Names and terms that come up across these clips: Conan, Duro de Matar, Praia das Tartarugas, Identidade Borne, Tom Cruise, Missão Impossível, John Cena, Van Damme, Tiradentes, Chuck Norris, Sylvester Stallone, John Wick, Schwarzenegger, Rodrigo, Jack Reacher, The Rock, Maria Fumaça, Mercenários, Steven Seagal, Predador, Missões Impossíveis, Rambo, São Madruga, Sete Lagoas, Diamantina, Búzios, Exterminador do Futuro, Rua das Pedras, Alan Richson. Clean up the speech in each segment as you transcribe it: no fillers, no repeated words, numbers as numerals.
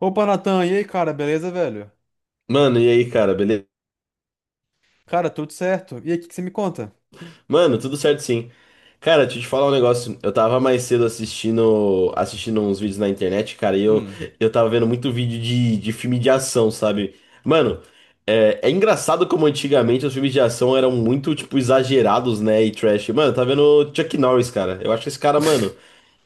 Opa, Natan, e aí, cara, beleza, velho? Mano, e aí, cara, beleza? Cara, tudo certo. E aí, o que que você me conta? Mano, tudo certo sim. Cara, deixa eu te falar um negócio. Eu tava mais cedo assistindo uns vídeos na internet, cara, e eu, Hum. eu tava vendo muito vídeo de filme de ação, sabe? Mano, é engraçado como antigamente os filmes de ação eram muito, tipo, exagerados, né? E trash. Mano, eu tava vendo Chuck Norris, cara. Eu acho esse cara, mano.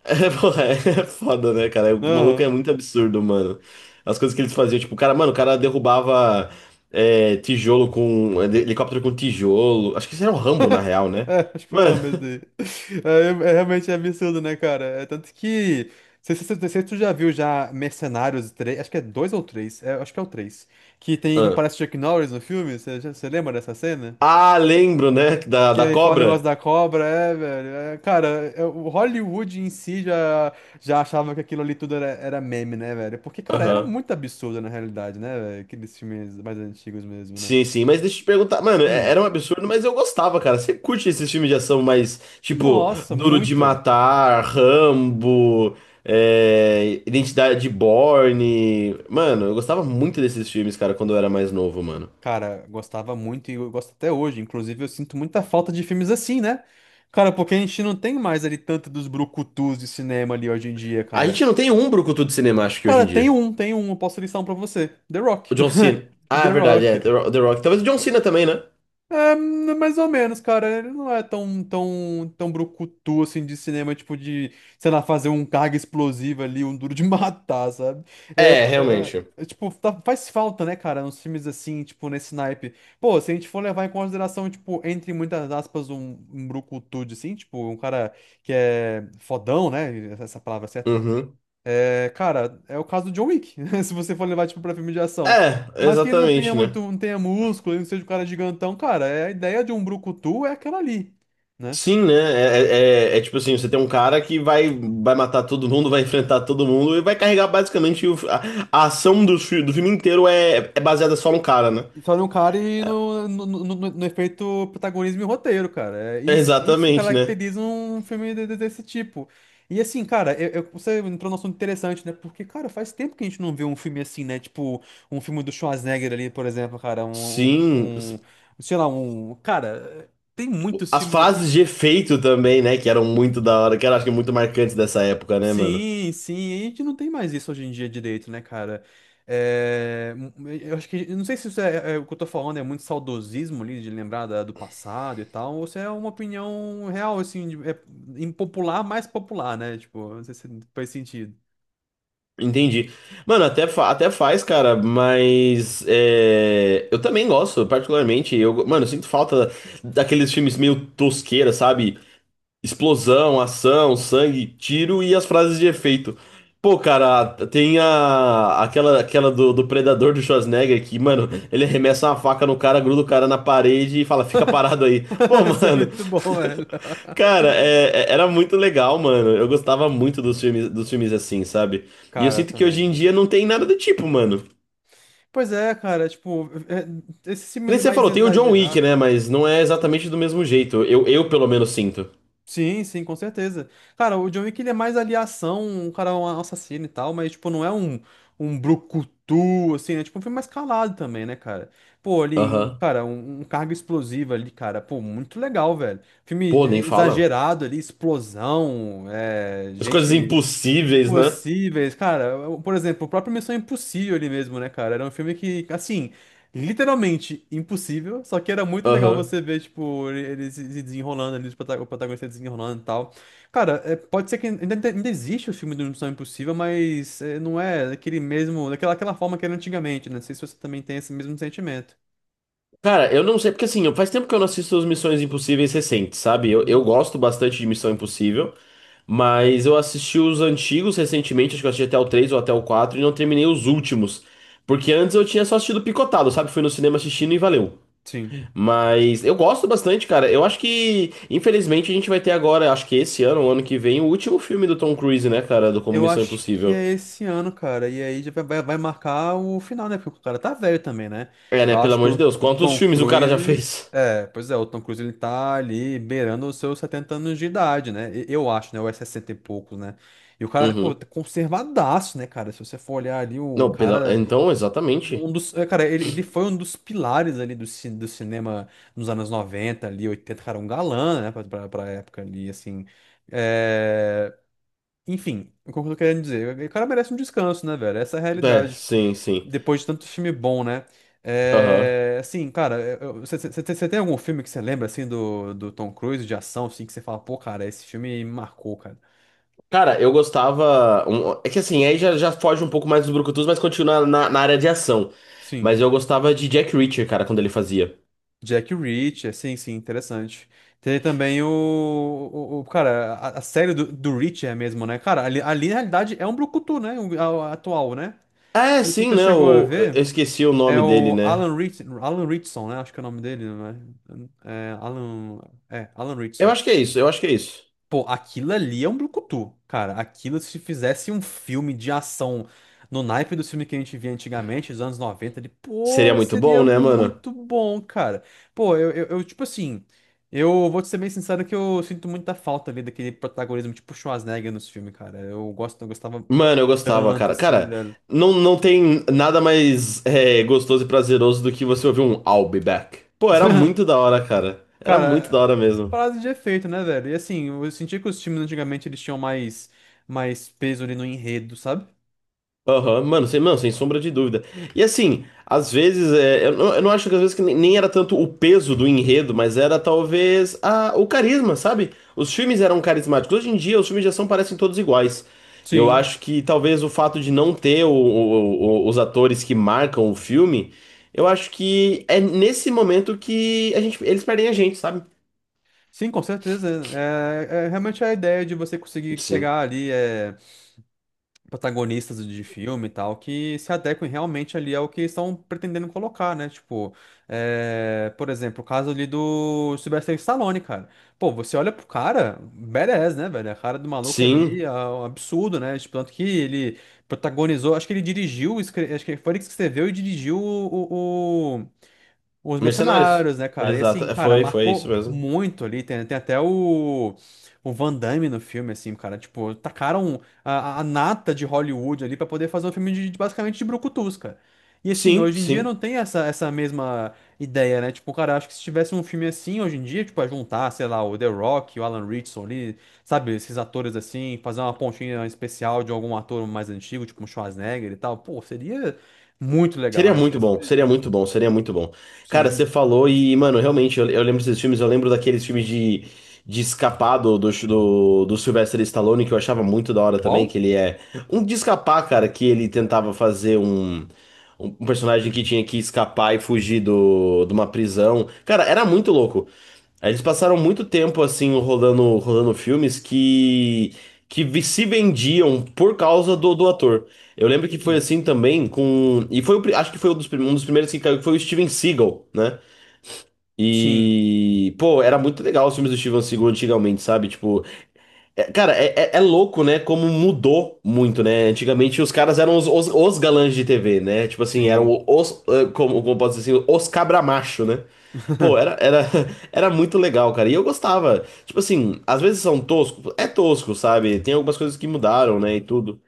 É, porra, é foda, né, cara? O maluco Aham. é muito absurdo, mano. As coisas que eles faziam, tipo, o cara, mano, o cara derrubava tijolo com. Helicóptero com tijolo. Acho que isso era um Rambo, na real, né? É, acho que foi uma Mano. mesmo daí. É realmente é absurdo, né, cara? É tanto que. Não sei se tu já viu já Mercenários 3? Acho que é dois ou três, é, acho que é o três. Que tem que aparece o Chuck Norris no filme, você, você lembra dessa cena? Ah, lembro, né? Da, E da aí, fala o negócio cobra? da cobra, é, velho. É, cara, é, o Hollywood em si já achava que aquilo ali tudo era meme, né, velho? Porque, cara, era Aham. muito absurdo na realidade, né, velho? Aqueles filmes mais antigos mesmo, né? Sim, sim, mas deixa eu te perguntar, mano, Hum. era um absurdo, mas eu gostava, cara. Você curte esses filmes de ação mais, tipo, Nossa, Duro de muito. Matar, Rambo, é, Identidade Borne. Mano, eu gostava muito desses filmes, cara, quando eu era mais novo, mano. Cara, gostava muito e eu gosto até hoje. Inclusive, eu sinto muita falta de filmes assim, né? Cara, porque a gente não tem mais ali tanto dos brucutus de cinema ali hoje em dia, A cara. gente não tem um brucutu de cinema, acho que hoje Cara, em tem dia. um, tem um, eu posso listar um pra você. The Rock. O John Cena. Ah, é The verdade, é, Rock. The Rock. Talvez o John Cena também, né? É, mais ou menos, cara. Ele não é tão, tão, tão brucutu assim de cinema, tipo de, sei lá, fazer um carga explosiva ali, um duro de matar, sabe? Eu, É, eh, realmente. eu, tipo, faz falta, né, cara, nos filmes assim, tipo, nesse naipe. Pô, se a gente for levar em consideração, tipo, entre muitas aspas, um brucutu, de, assim, tipo, um cara que é fodão, né? Essa palavra é certa, Uhum. é, cara, é o caso do John Wick, se você for levar, tipo, pra filme de ação. É, Mas que ele não tenha exatamente, muito, né? não tenha músculo, ele não seja um cara gigantão, cara, é, a ideia de um brucutu é aquela ali, né? Sim, né? É, é, é tipo assim, você tem um cara que vai, vai matar todo mundo, vai enfrentar todo mundo e vai carregar basicamente a ação do, do filme inteiro é, é baseada só no cara, né? E só no cara e no efeito protagonismo e roteiro, cara. É, É isso exatamente, né? caracteriza um filme desse tipo. E assim, cara, você entrou num assunto interessante, né? Porque, cara, faz tempo que a gente não vê um filme assim, né? Tipo, um filme do Schwarzenegger ali, por exemplo, cara, Sim. Sei lá, um, cara, tem muitos As filmes frases daqui. de efeito também, né? Que eram muito da hora, que eram acho que é muito marcantes dessa época, né, mano? Sim, sim, e a gente não tem mais isso hoje em dia direito, né, cara? É, eu acho que, eu não sei se isso é, é o que eu tô falando, é muito saudosismo ali, de lembrar do passado e tal, ou se é uma opinião real, assim, é impopular, mais popular, né? Tipo, não sei se faz sentido. Entendi. Mano, até, até faz, cara, mas é, eu também gosto, particularmente. Eu, mano, eu sinto falta daqueles filmes meio tosqueira, sabe? Explosão, ação, sangue, tiro e as frases de efeito. Pô, cara, tem a, aquela, aquela do Predador do Schwarzenegger que, mano, ele arremessa uma faca no cara, gruda o cara na parede e fala, fica parado aí. Pô, Isso é mano, muito bom, velho. cara, era muito legal, mano. Eu gostava muito dos filmes assim, sabe? E eu Cara, sinto que hoje em também. dia não tem nada do tipo, mano. Pois é, cara, tipo, esses Que nem filmes você mais falou, tem o John Wick, exagerados, né? né? Mas não é exatamente do mesmo jeito. Eu pelo menos sinto. Sim, sim, com certeza. Cara, o John Wick ele é mais ali ação, um cara é um assassino e tal, mas tipo, não é um brucutu, assim, né? Tipo, um filme mais calado também, né, cara? Pô, ali, Aham. cara, um carga explosiva ali, cara, pô, muito legal, velho. Filme Pô, nem fala. exagerado ali, explosão, é, As coisas gente. impossíveis, né? Impossíveis, cara. Por exemplo, o próprio Missão Impossível ali mesmo, né, cara? Era um filme que, assim, literalmente impossível, só que era muito legal Aham. você ver, tipo, ele se desenrolando ali, os o protagonista desenrolando e tal. Cara, é, pode ser que ainda existe o filme do Missão Impossível, mas é, não é daquele mesmo, daquela aquela forma que era antigamente, né? Não sei se você também tem esse mesmo sentimento. Cara, eu não sei, porque assim, faz tempo que eu não assisto as Missões Impossíveis recentes, sabe? Uhum. Eu gosto bastante de Missão Impossível, mas eu assisti os antigos recentemente, acho que eu assisti até o 3 ou até o 4 e não terminei os últimos. Porque antes eu tinha só assistido picotado, sabe? Fui no cinema assistindo e valeu. Sim. Mas eu gosto bastante, cara. Eu acho que, infelizmente, a gente vai ter agora, acho que esse ano, ou ano que vem, o último filme do Tom Cruise, né, cara? Do Como Eu Missão acho que Impossível. é esse ano, cara. E aí já vai marcar o final, né? Porque o cara tá velho também, né? É, né? Eu Pelo acho que amor o, de Deus, o quantos Tom filmes o cara já Cruise. fez? É, pois é, o Tom Cruise ele tá ali beirando os seus 70 anos de idade, né? Eu acho, né? Ou é 60 e poucos, né? E o cara, pô, Uhum. tá conservadaço, né, cara? Se você for olhar ali, o Não, pela... cara. Então, exatamente. Um dos, é, cara, ele foi um dos pilares ali do cinema nos anos 90 ali, 80 cara, um galã, né? Pra época ali, assim. É. Enfim, o que eu tô querendo dizer? O cara merece um descanso, né, velho? Essa é a É, realidade. sim, sim. Depois de tanto filme bom, né? Aham. É, assim, cara, você tem algum filme que você lembra, assim, do Tom Cruise, de ação, assim, que você fala, pô, cara, esse filme me marcou, cara. Cara, eu gostava. É que assim, aí já, já foge um pouco mais dos brucutus, mas continua na, na área de ação. Sim. Mas eu gostava de Jack Reacher, cara, quando ele fazia. Jack Reacher, sim, sim, interessante. Tem também cara, a série do Reacher mesmo, né? Cara, ali na realidade é um brucutu, né? A atual, né? Ah, é, sim, Você né? chegou a ver? Eu esqueci o É nome dele, o né? Alan Richson, né? Acho que é o nome dele, né? É Alan, Alan Eu Richson. acho que é isso, eu acho que é isso. Pô, aquilo ali é um brucutu, cara. Aquilo, se fizesse um filme de ação no naipe do filme que a gente via antigamente, dos anos 90, ele, Seria pô, muito bom, seria né, mano? muito bom, cara. Pô, tipo assim, eu vou te ser bem sincero que eu sinto muita falta ali daquele protagonismo tipo Schwarzenegger nos filmes, cara. Eu gostava Mano, eu gostava, tanto, cara. assim, Cara, velho. não, não tem nada mais é, gostoso e prazeroso do que você ouvir um I'll be back. Pô, era muito da hora, cara. Era muito Cara, da hora mesmo. frase de efeito, né, velho? E assim, eu senti que os times antigamente eles tinham mais peso ali no enredo, sabe? Aham, mano, sem sombra de dúvida. E assim, às vezes, é, eu não acho que às vezes que nem, nem era tanto o peso do enredo, mas era talvez a, o carisma, sabe? Os filmes eram carismáticos. Hoje em dia, os filmes de ação parecem todos iguais. E eu Sim. acho que talvez o fato de não ter os atores que marcam o filme, eu acho que é nesse momento que a gente, eles perdem a gente, sabe? Sim, com certeza. É realmente é a ideia de você conseguir Sim. pegar ali. É, protagonistas de filme e tal, que se adequem realmente ali ao que estão pretendendo colocar, né? Tipo, é, por exemplo, o caso ali do Sylvester Stallone, cara. Pô, você olha pro cara, badass, né, velho? A cara do maluco ali Sim. é um absurdo, né? Tipo, tanto que ele protagonizou, acho que ele dirigiu, acho que foi ele que escreveu e dirigiu os Mercenários. mercenários, né, cara? E Exato. assim, É, cara, foi, foi isso marcou mesmo. muito ali. Tem até o Van Damme no filme, assim, cara. Tipo, tacaram a nata de Hollywood ali pra poder fazer um filme basicamente de brucutus, cara. E assim, Sim, hoje em dia não sim. tem essa mesma ideia, né? Tipo, cara, acho que se tivesse um filme assim hoje em dia, tipo, a juntar, sei lá, o The Rock, o Alan Richson ali, sabe? Esses atores assim, fazer uma pontinha especial de algum ator mais antigo, tipo um Schwarzenegger e tal. Pô, seria muito legal, Seria né? Não sei muito se- bom, se- seria se- muito bom, seria muito bom. Cara, você Sim. falou e, mano, realmente, eu lembro desses filmes, eu lembro daqueles filmes de escapar do Sylvester Stallone, que eu achava muito da hora também, que Qual? ele é um de escapar, cara, que ele tentava fazer um, um personagem que tinha que escapar e fugir do, de uma prisão. Cara, era muito louco. Aí eles passaram muito tempo, assim, rolando filmes que se vendiam por causa do, do ator. Eu lembro que foi Hum. assim também com. E foi acho que foi um dos, um dos primeiros que caiu, que foi o Steven Seagal, né? Sim, E, pô, era muito legal os filmes do Steven Seagal antigamente, sabe? Tipo, cara, é, é louco, né? Como mudou muito, né? Antigamente os caras eram os galãs de TV, né? Tipo assim, sim. eram os, como, como posso dizer assim, os cabra macho, né? Pô, era, era, era muito legal, cara. E eu gostava. Tipo assim, às vezes são toscos, é tosco, sabe? Tem algumas coisas que mudaram, né? E tudo.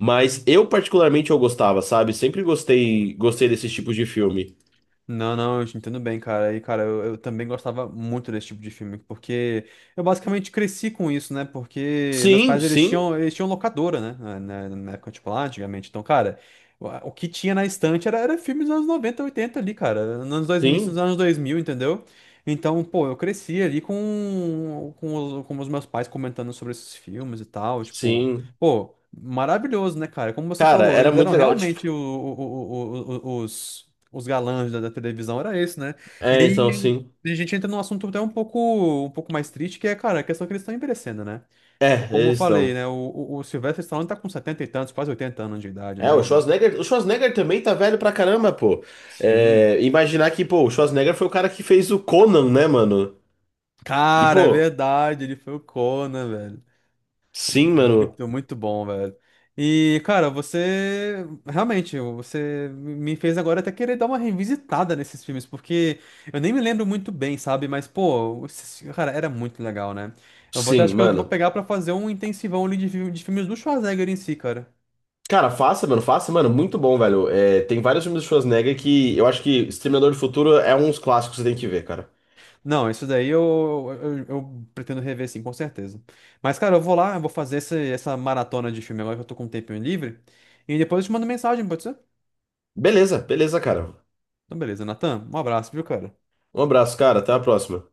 Mas eu particularmente eu gostava, sabe? Sempre gostei, gostei desses tipos de filme. Não, não, eu te entendo bem, cara. E, cara, eu também gostava muito desse tipo de filme, porque eu basicamente cresci com isso, né? Porque meus Sim, pais, eles sim, tinham, eles tinham locadora, né? Na época, tipo, lá antigamente. Então, cara, o que tinha na estante era filmes dos anos 90, 80 ali, cara. Nos anos 2000, nos sim, anos 2000, entendeu? Então, pô, eu cresci ali com os meus pais comentando sobre esses filmes e tal, tipo. sim. Pô, maravilhoso, né, cara? Como você Cara, falou, era eles muito eram legal, tipo. realmente os galãs da televisão era esse, né? E É, então aí sim. a gente entra num assunto até um pouco mais triste, que é, cara, a questão que eles estão envelhecendo, né? Tipo, É, como eu eles falei, estão. né? O Sylvester Stallone tá com 70 e tantos, quase 80 anos de idade, É, né? O Schwarzenegger também tá velho pra caramba, pô. Sim. É, imaginar que, pô, o Schwarzenegger foi o cara que fez o Conan, né, mano? E, Cara, é pô, verdade, ele foi o Conan. sim, mano. Muito, muito bom, velho. E, cara, você realmente, você me fez agora até querer dar uma revisitada nesses filmes, porque eu nem me lembro muito bem, sabe? Mas, pô, cara, era muito legal, né? Eu vou até, Sim, acho que eu vou mano. pegar pra fazer um intensivão ali de filmes do Schwarzenegger em si, cara. Cara, faça, mano, muito bom, velho. É, tem vários filmes do Schwarzenegger que eu acho que Exterminador do Futuro é um dos clássicos que você tem que ver, cara. Não, isso daí eu pretendo rever, sim, com certeza. Mas, cara, eu vou lá, eu vou fazer essa maratona de filme agora que eu tô com um tempinho livre. E depois eu te mando mensagem, pode ser? Beleza, beleza, cara. Então, beleza, Natan, um abraço, viu, cara? Um abraço, cara. Até a próxima.